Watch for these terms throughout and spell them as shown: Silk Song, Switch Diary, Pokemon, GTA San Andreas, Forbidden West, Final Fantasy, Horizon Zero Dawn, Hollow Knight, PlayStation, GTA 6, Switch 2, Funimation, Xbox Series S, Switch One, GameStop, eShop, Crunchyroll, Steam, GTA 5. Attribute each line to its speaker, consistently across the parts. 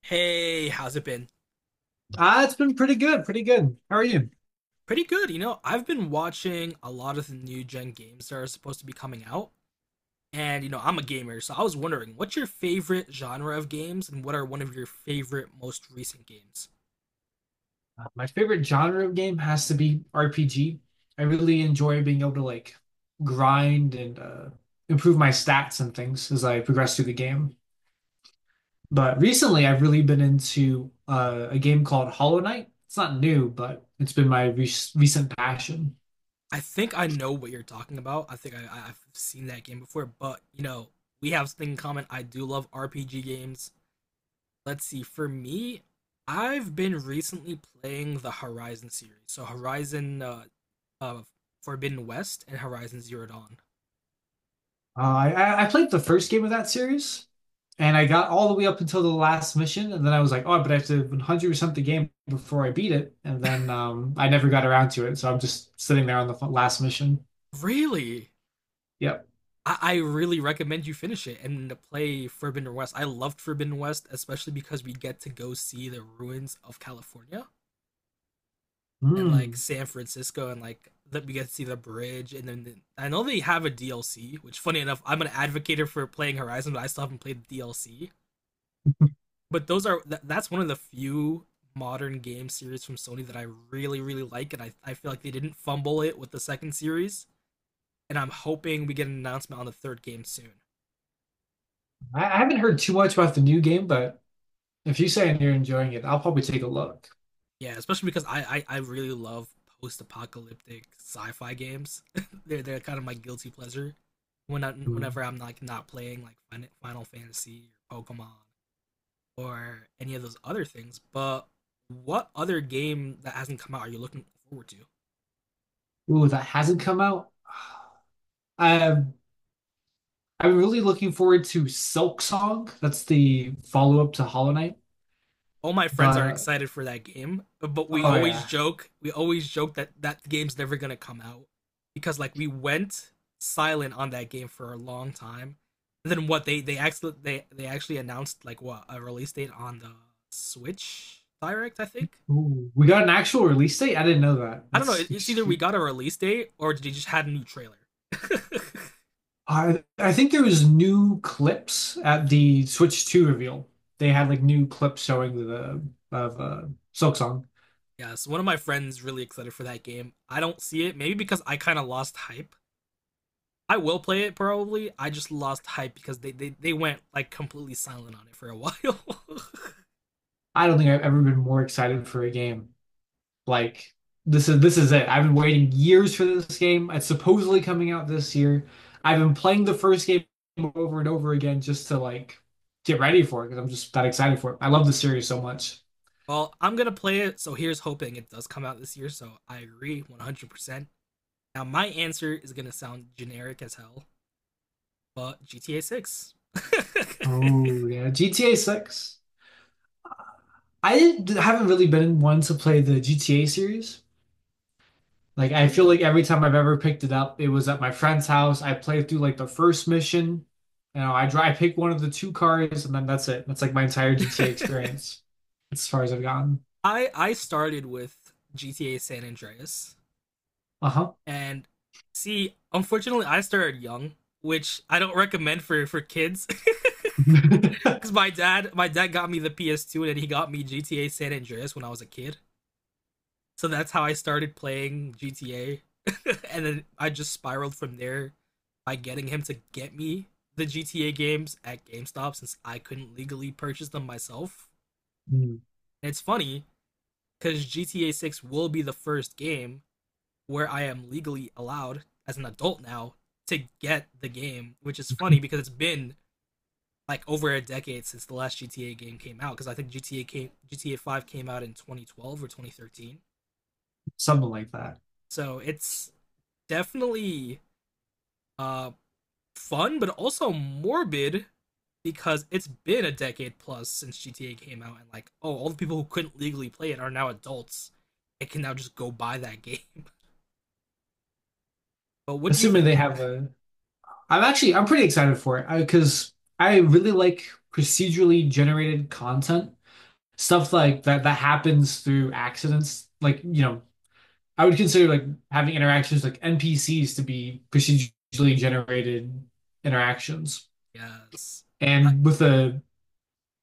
Speaker 1: Hey, how's it been?
Speaker 2: It's been pretty good, pretty good. How are you?
Speaker 1: Pretty good. I've been watching a lot of the new gen games that are supposed to be coming out, and I'm a gamer, so I was wondering, what's your favorite genre of games, and what are one of your favorite most recent games?
Speaker 2: My favorite genre of game has to be RPG. I really enjoy being able to like grind and improve my stats and things as I progress through the game. But recently, I've really been into a game called Hollow Knight. It's not new, but it's been my re recent passion.
Speaker 1: I think I know what you're talking about. I think I've seen that game before, but we have something in common. I do love RPG games. Let's see, for me, I've been recently playing the Horizon series, so Horizon uh, Forbidden West and Horizon Zero Dawn.
Speaker 2: Uh, I played the first game of that series, and I got all the way up until the last mission, and then I was like, oh, but I have to 100% the game before I beat it, and then I never got around to it, so I'm just sitting there on the last mission.
Speaker 1: Really?
Speaker 2: Yep.
Speaker 1: I really recommend you finish it and play Forbidden West. I loved Forbidden West, especially because we get to go see the ruins of California and like
Speaker 2: Hmm.
Speaker 1: San Francisco, and like, that we get to see the bridge, and then I know they have a DLC, which, funny enough, I'm an advocate for playing Horizon, but I still haven't played the DLC. But that's one of the few modern game series from Sony that I really really like, and I feel like they didn't fumble it with the second series, and I'm hoping we get an announcement on the third game soon.
Speaker 2: I haven't heard too much about the new game, but if you say you're enjoying it, I'll probably take a look.
Speaker 1: Yeah, especially because I really love post-apocalyptic sci-fi games. They're kind of my guilty pleasure. Whenever
Speaker 2: Hmm.
Speaker 1: I'm like not playing like Final Fantasy or Pokemon, or any of those other things. But what other game that hasn't come out are you looking forward to?
Speaker 2: Ooh, that hasn't come out. Um, I'm really looking forward to Silk Song. That's the follow-up to Hollow Knight,
Speaker 1: All my friends
Speaker 2: but
Speaker 1: are excited for that game, but we
Speaker 2: oh
Speaker 1: always
Speaker 2: yeah.
Speaker 1: joke, we always joke that that game's never gonna come out because, like, we went silent on that game for a long time. And then what they actually announced like what a release date on the Switch Direct, I think.
Speaker 2: Ooh, we got an actual release date? I didn't know that.
Speaker 1: I don't know.
Speaker 2: That's
Speaker 1: It's either we
Speaker 2: extreme.
Speaker 1: got a release date or they just had a new trailer.
Speaker 2: I think there was new clips at the Switch 2 reveal. They had like new clips showing the of Silksong.
Speaker 1: Yeah, so one of my friends really excited for that game. I don't see it, maybe because I kind of lost hype. I will play it probably. I just lost hype because they went like completely silent on it for a while.
Speaker 2: I don't think I've ever been more excited for a game. Like this is it. I've been waiting years for this game. It's supposedly coming out this year. I've been playing the first game over and over again just to like get ready for it because I'm just that excited for it. I love the series so much.
Speaker 1: Well, I'm gonna play it, so here's hoping it does come out this year. So I agree 100% Now my answer is gonna sound generic as hell, but GTA 6.
Speaker 2: Oh yeah, GTA 6. Haven't really been one to play the GTA series. Like I feel
Speaker 1: Really?
Speaker 2: like every time I've ever picked it up, it was at my friend's house. I played through like the first mission. You know, I drive, I pick one of the two cars, and then that's it. That's like my entire GTA experience, as far as I've gotten.
Speaker 1: I started with GTA San Andreas.
Speaker 2: Uh-huh.
Speaker 1: And see, unfortunately, I started young, which I don't recommend for kids. Because my dad, my dad got me the PS2, and then he got me GTA San Andreas when I was a kid. So that's how I started playing GTA, and then I just spiraled from there by getting him to get me the GTA games at GameStop since I couldn't legally purchase them myself.
Speaker 2: Hmm.
Speaker 1: And it's funny because GTA 6 will be the first game where I am legally allowed as an adult now to get the game, which is funny because it's been like over a decade since the last GTA game came out, because I think GTA 5 came out in 2012 or 2013.
Speaker 2: Something like that.
Speaker 1: So it's definitely uh fun, but also morbid because it's been a decade plus since GTA came out, and like, oh, all the people who couldn't legally play it are now adults and can now just go buy that game. But what do you
Speaker 2: Assuming
Speaker 1: think?
Speaker 2: they have a, I'm pretty excited for it because I really like procedurally generated content, stuff like that that happens through accidents, like you know I would consider like having interactions like NPCs to be procedurally generated interactions.
Speaker 1: Yes. Like,
Speaker 2: And with the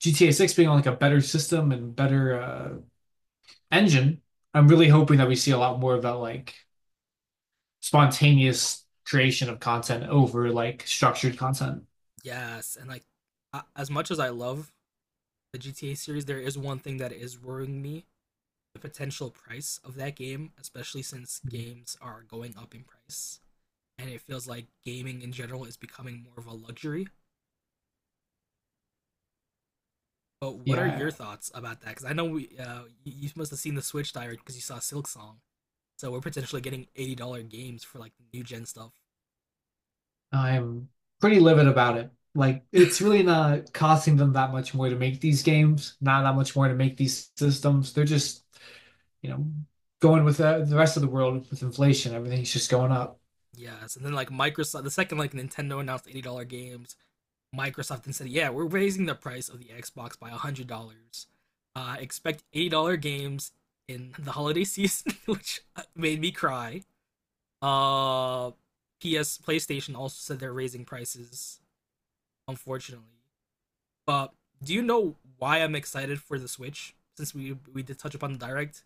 Speaker 2: GTA 6 being on like a better system and better engine, I'm really hoping that we see a lot more of that like spontaneous creation of content over like structured content.
Speaker 1: yes, and like, as much as I love the GTA series, there is one thing that is worrying me, the potential price of that game, especially since games are going up in price. And it feels like gaming in general is becoming more of a luxury. But what are your
Speaker 2: Yeah,
Speaker 1: thoughts about that? Because I know you must have seen the Switch Diary because you saw Silk Song. So we're potentially getting $80 games for like the new gen stuff.
Speaker 2: I'm pretty livid about it. Like, it's really not costing them that much more to make these games, not that much more to make these systems. They're just, you know, going with the rest of the world with inflation. Everything's just going up.
Speaker 1: Yes, and then, like, Microsoft, the second like Nintendo announced $80 games, Microsoft and said, "Yeah, we're raising the price of the Xbox by $100. Expect $80 games in the holiday season," which made me cry. Uh, PS PlayStation also said they're raising prices, unfortunately. But do you know why I'm excited for the Switch? Since we did touch upon the direct,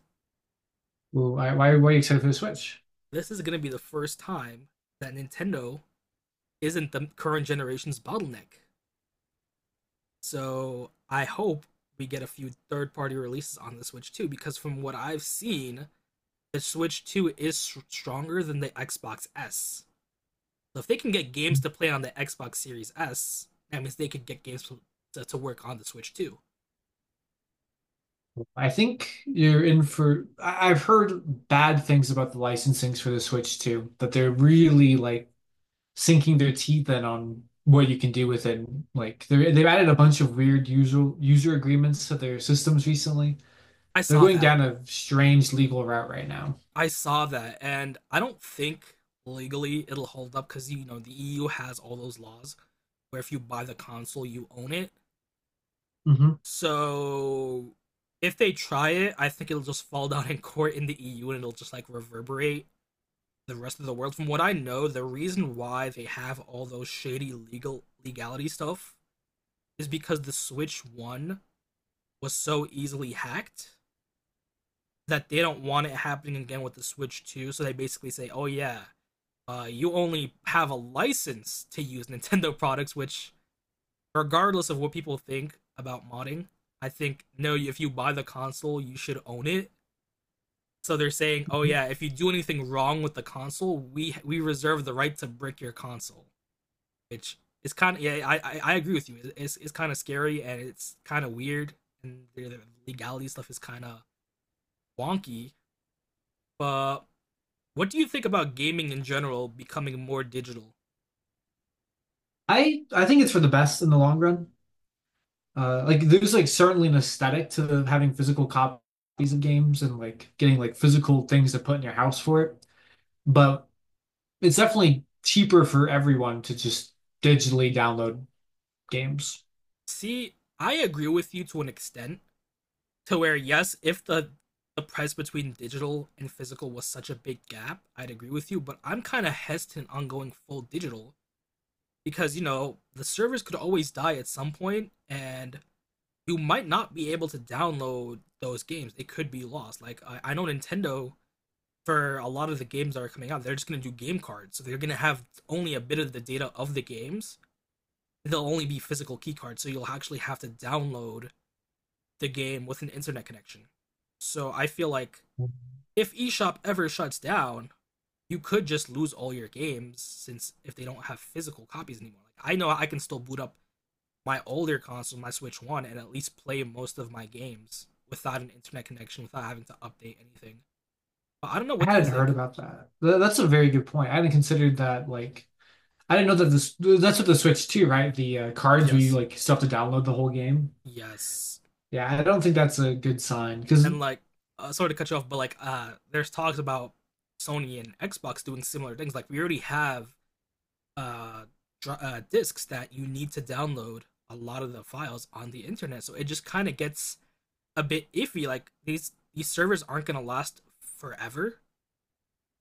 Speaker 2: Ooh, why are you excited for the Switch?
Speaker 1: this is gonna be the first time that Nintendo isn't the current generation's bottleneck. So I hope we get a few third party releases on the Switch too, because from what I've seen, the Switch 2 is stronger than the Xbox S. So if they can get games to play on the Xbox Series S, that means they could get games to work on the Switch Two.
Speaker 2: I think you're in for. I've heard bad things about the licensings for the Switch too, that they're really like sinking their teeth in on what you can do with it. Like they've added a bunch of weird user agreements to their systems recently.
Speaker 1: I
Speaker 2: They're
Speaker 1: saw
Speaker 2: going
Speaker 1: that.
Speaker 2: down a strange legal route right now.
Speaker 1: I saw that, and I don't think legally it'll hold up, because you know the EU has all those laws where if you buy the console, you own it.
Speaker 2: Hmm.
Speaker 1: So if they try it, I think it'll just fall down in court in the EU, and it'll just like reverberate the rest of the world. From what I know, the reason why they have all those shady legality stuff is because the Switch 1 was so easily hacked that they don't want it happening again with the Switch 2. So they basically say, "Oh yeah, you only have a license to use Nintendo products," which, regardless of what people think about modding, I think no. If you buy the console, you should own it. So they're saying, "Oh yeah, if you do anything wrong with the console, we reserve the right to brick your console." Which is kind of, yeah, I agree with you. It's kind of scary, and it's kind of weird, and the legality stuff is kind of wonky. But what do you think about gaming in general becoming more digital?
Speaker 2: I think it's for the best in the long run. Like there's like certainly an aesthetic to having physical copies of games and like getting like physical things to put in your house for it. But it's definitely cheaper for everyone to just digitally download games.
Speaker 1: See, I agree with you to an extent, to where, yes, if the price between digital and physical was such a big gap, I'd agree with you, but I'm kind of hesitant on going full digital because you know the servers could always die at some point, and you might not be able to download those games. It could be lost. Like, I know, Nintendo, for a lot of the games that are coming out, they're just going to do game cards, so they're going to have only a bit of the data of the games. They'll only be physical key cards, so you'll actually have to download the game with an internet connection. So I feel like if eshop ever shuts down, you could just lose all your games, since if they don't have physical copies anymore. Like, I know I can still boot up my older console, my Switch One, and at least play most of my games without an internet connection, without having to update anything. But I don't know. What
Speaker 2: I
Speaker 1: do you
Speaker 2: hadn't heard
Speaker 1: think?
Speaker 2: about that. That's a very good point. I hadn't considered that. Like, I didn't know that this. That's with the Switch too, right? The cards where you
Speaker 1: Yes,
Speaker 2: like still have to download the whole game.
Speaker 1: yes,
Speaker 2: Yeah, I don't think that's a good sign because
Speaker 1: and like, sorry to cut you off, but like, there's talks about Sony and Xbox doing similar things. Like, we already have uh, discs that you need to download a lot of the files on the internet, so it just kind of gets a bit iffy. Like these servers aren't gonna last forever.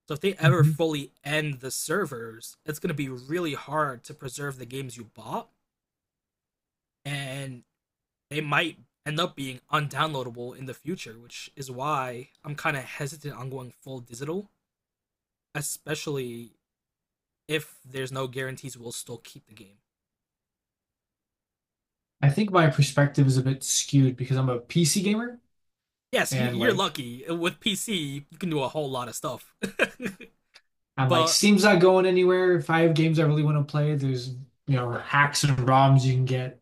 Speaker 1: So if they ever fully end the servers, it's going to be really hard to preserve the games you bought, and they might end up being undownloadable in the future, which is why I'm kind of hesitant on going full digital, especially if there's no guarantees we'll still keep the game.
Speaker 2: I think my perspective is a bit skewed because I'm a PC gamer
Speaker 1: Yes,
Speaker 2: and
Speaker 1: you're
Speaker 2: like
Speaker 1: lucky. With PC, you can do a whole lot of stuff.
Speaker 2: I'm like
Speaker 1: but
Speaker 2: Steam's not going anywhere. If I have games I really want to play, there's you know hacks and ROMs you can get.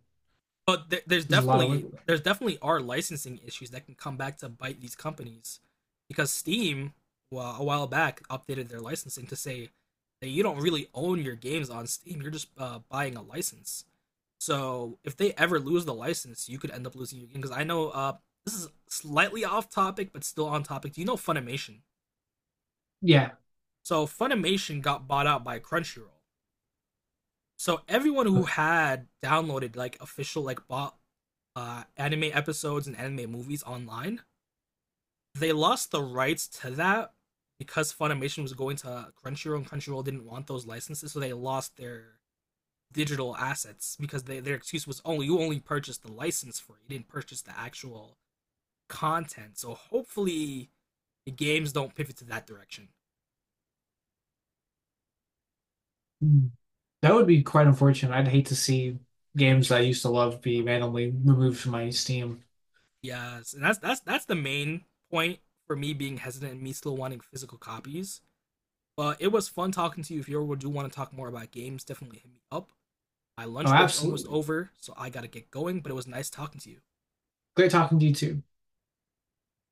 Speaker 1: but th- there's
Speaker 2: There's a lot of
Speaker 1: definitely
Speaker 2: wiggle room.
Speaker 1: there's definitely are licensing issues that can come back to bite these companies, because Steam, well, a while back updated their licensing to say that you don't really own your games on Steam. You're just buying a license. So if they ever lose the license, you could end up losing your game. Because I know, this is slightly off topic, but still on topic. Do you know Funimation?
Speaker 2: Yeah,
Speaker 1: So Funimation got bought out by Crunchyroll. So everyone who
Speaker 2: okay.
Speaker 1: had downloaded, like, official, like, bought anime episodes and anime movies online, they lost the rights to that because Funimation was going to Crunchyroll, and Crunchyroll didn't want those licenses, so they lost their digital assets, because their excuse was only you only purchased the license for it. You didn't purchase the actual content. So hopefully the games don't pivot to that direction.
Speaker 2: Mm. That would be quite unfortunate. I'd hate to see games that I used to love be randomly removed from my Steam.
Speaker 1: Yes, and that's the main point for me being hesitant and me still wanting physical copies. But it was fun talking to you. If you ever do want to talk more about games, definitely hit me up. My
Speaker 2: Oh,
Speaker 1: lunch break's almost
Speaker 2: absolutely.
Speaker 1: over, so I gotta get going, but it was nice talking to you.
Speaker 2: Great talking to you too.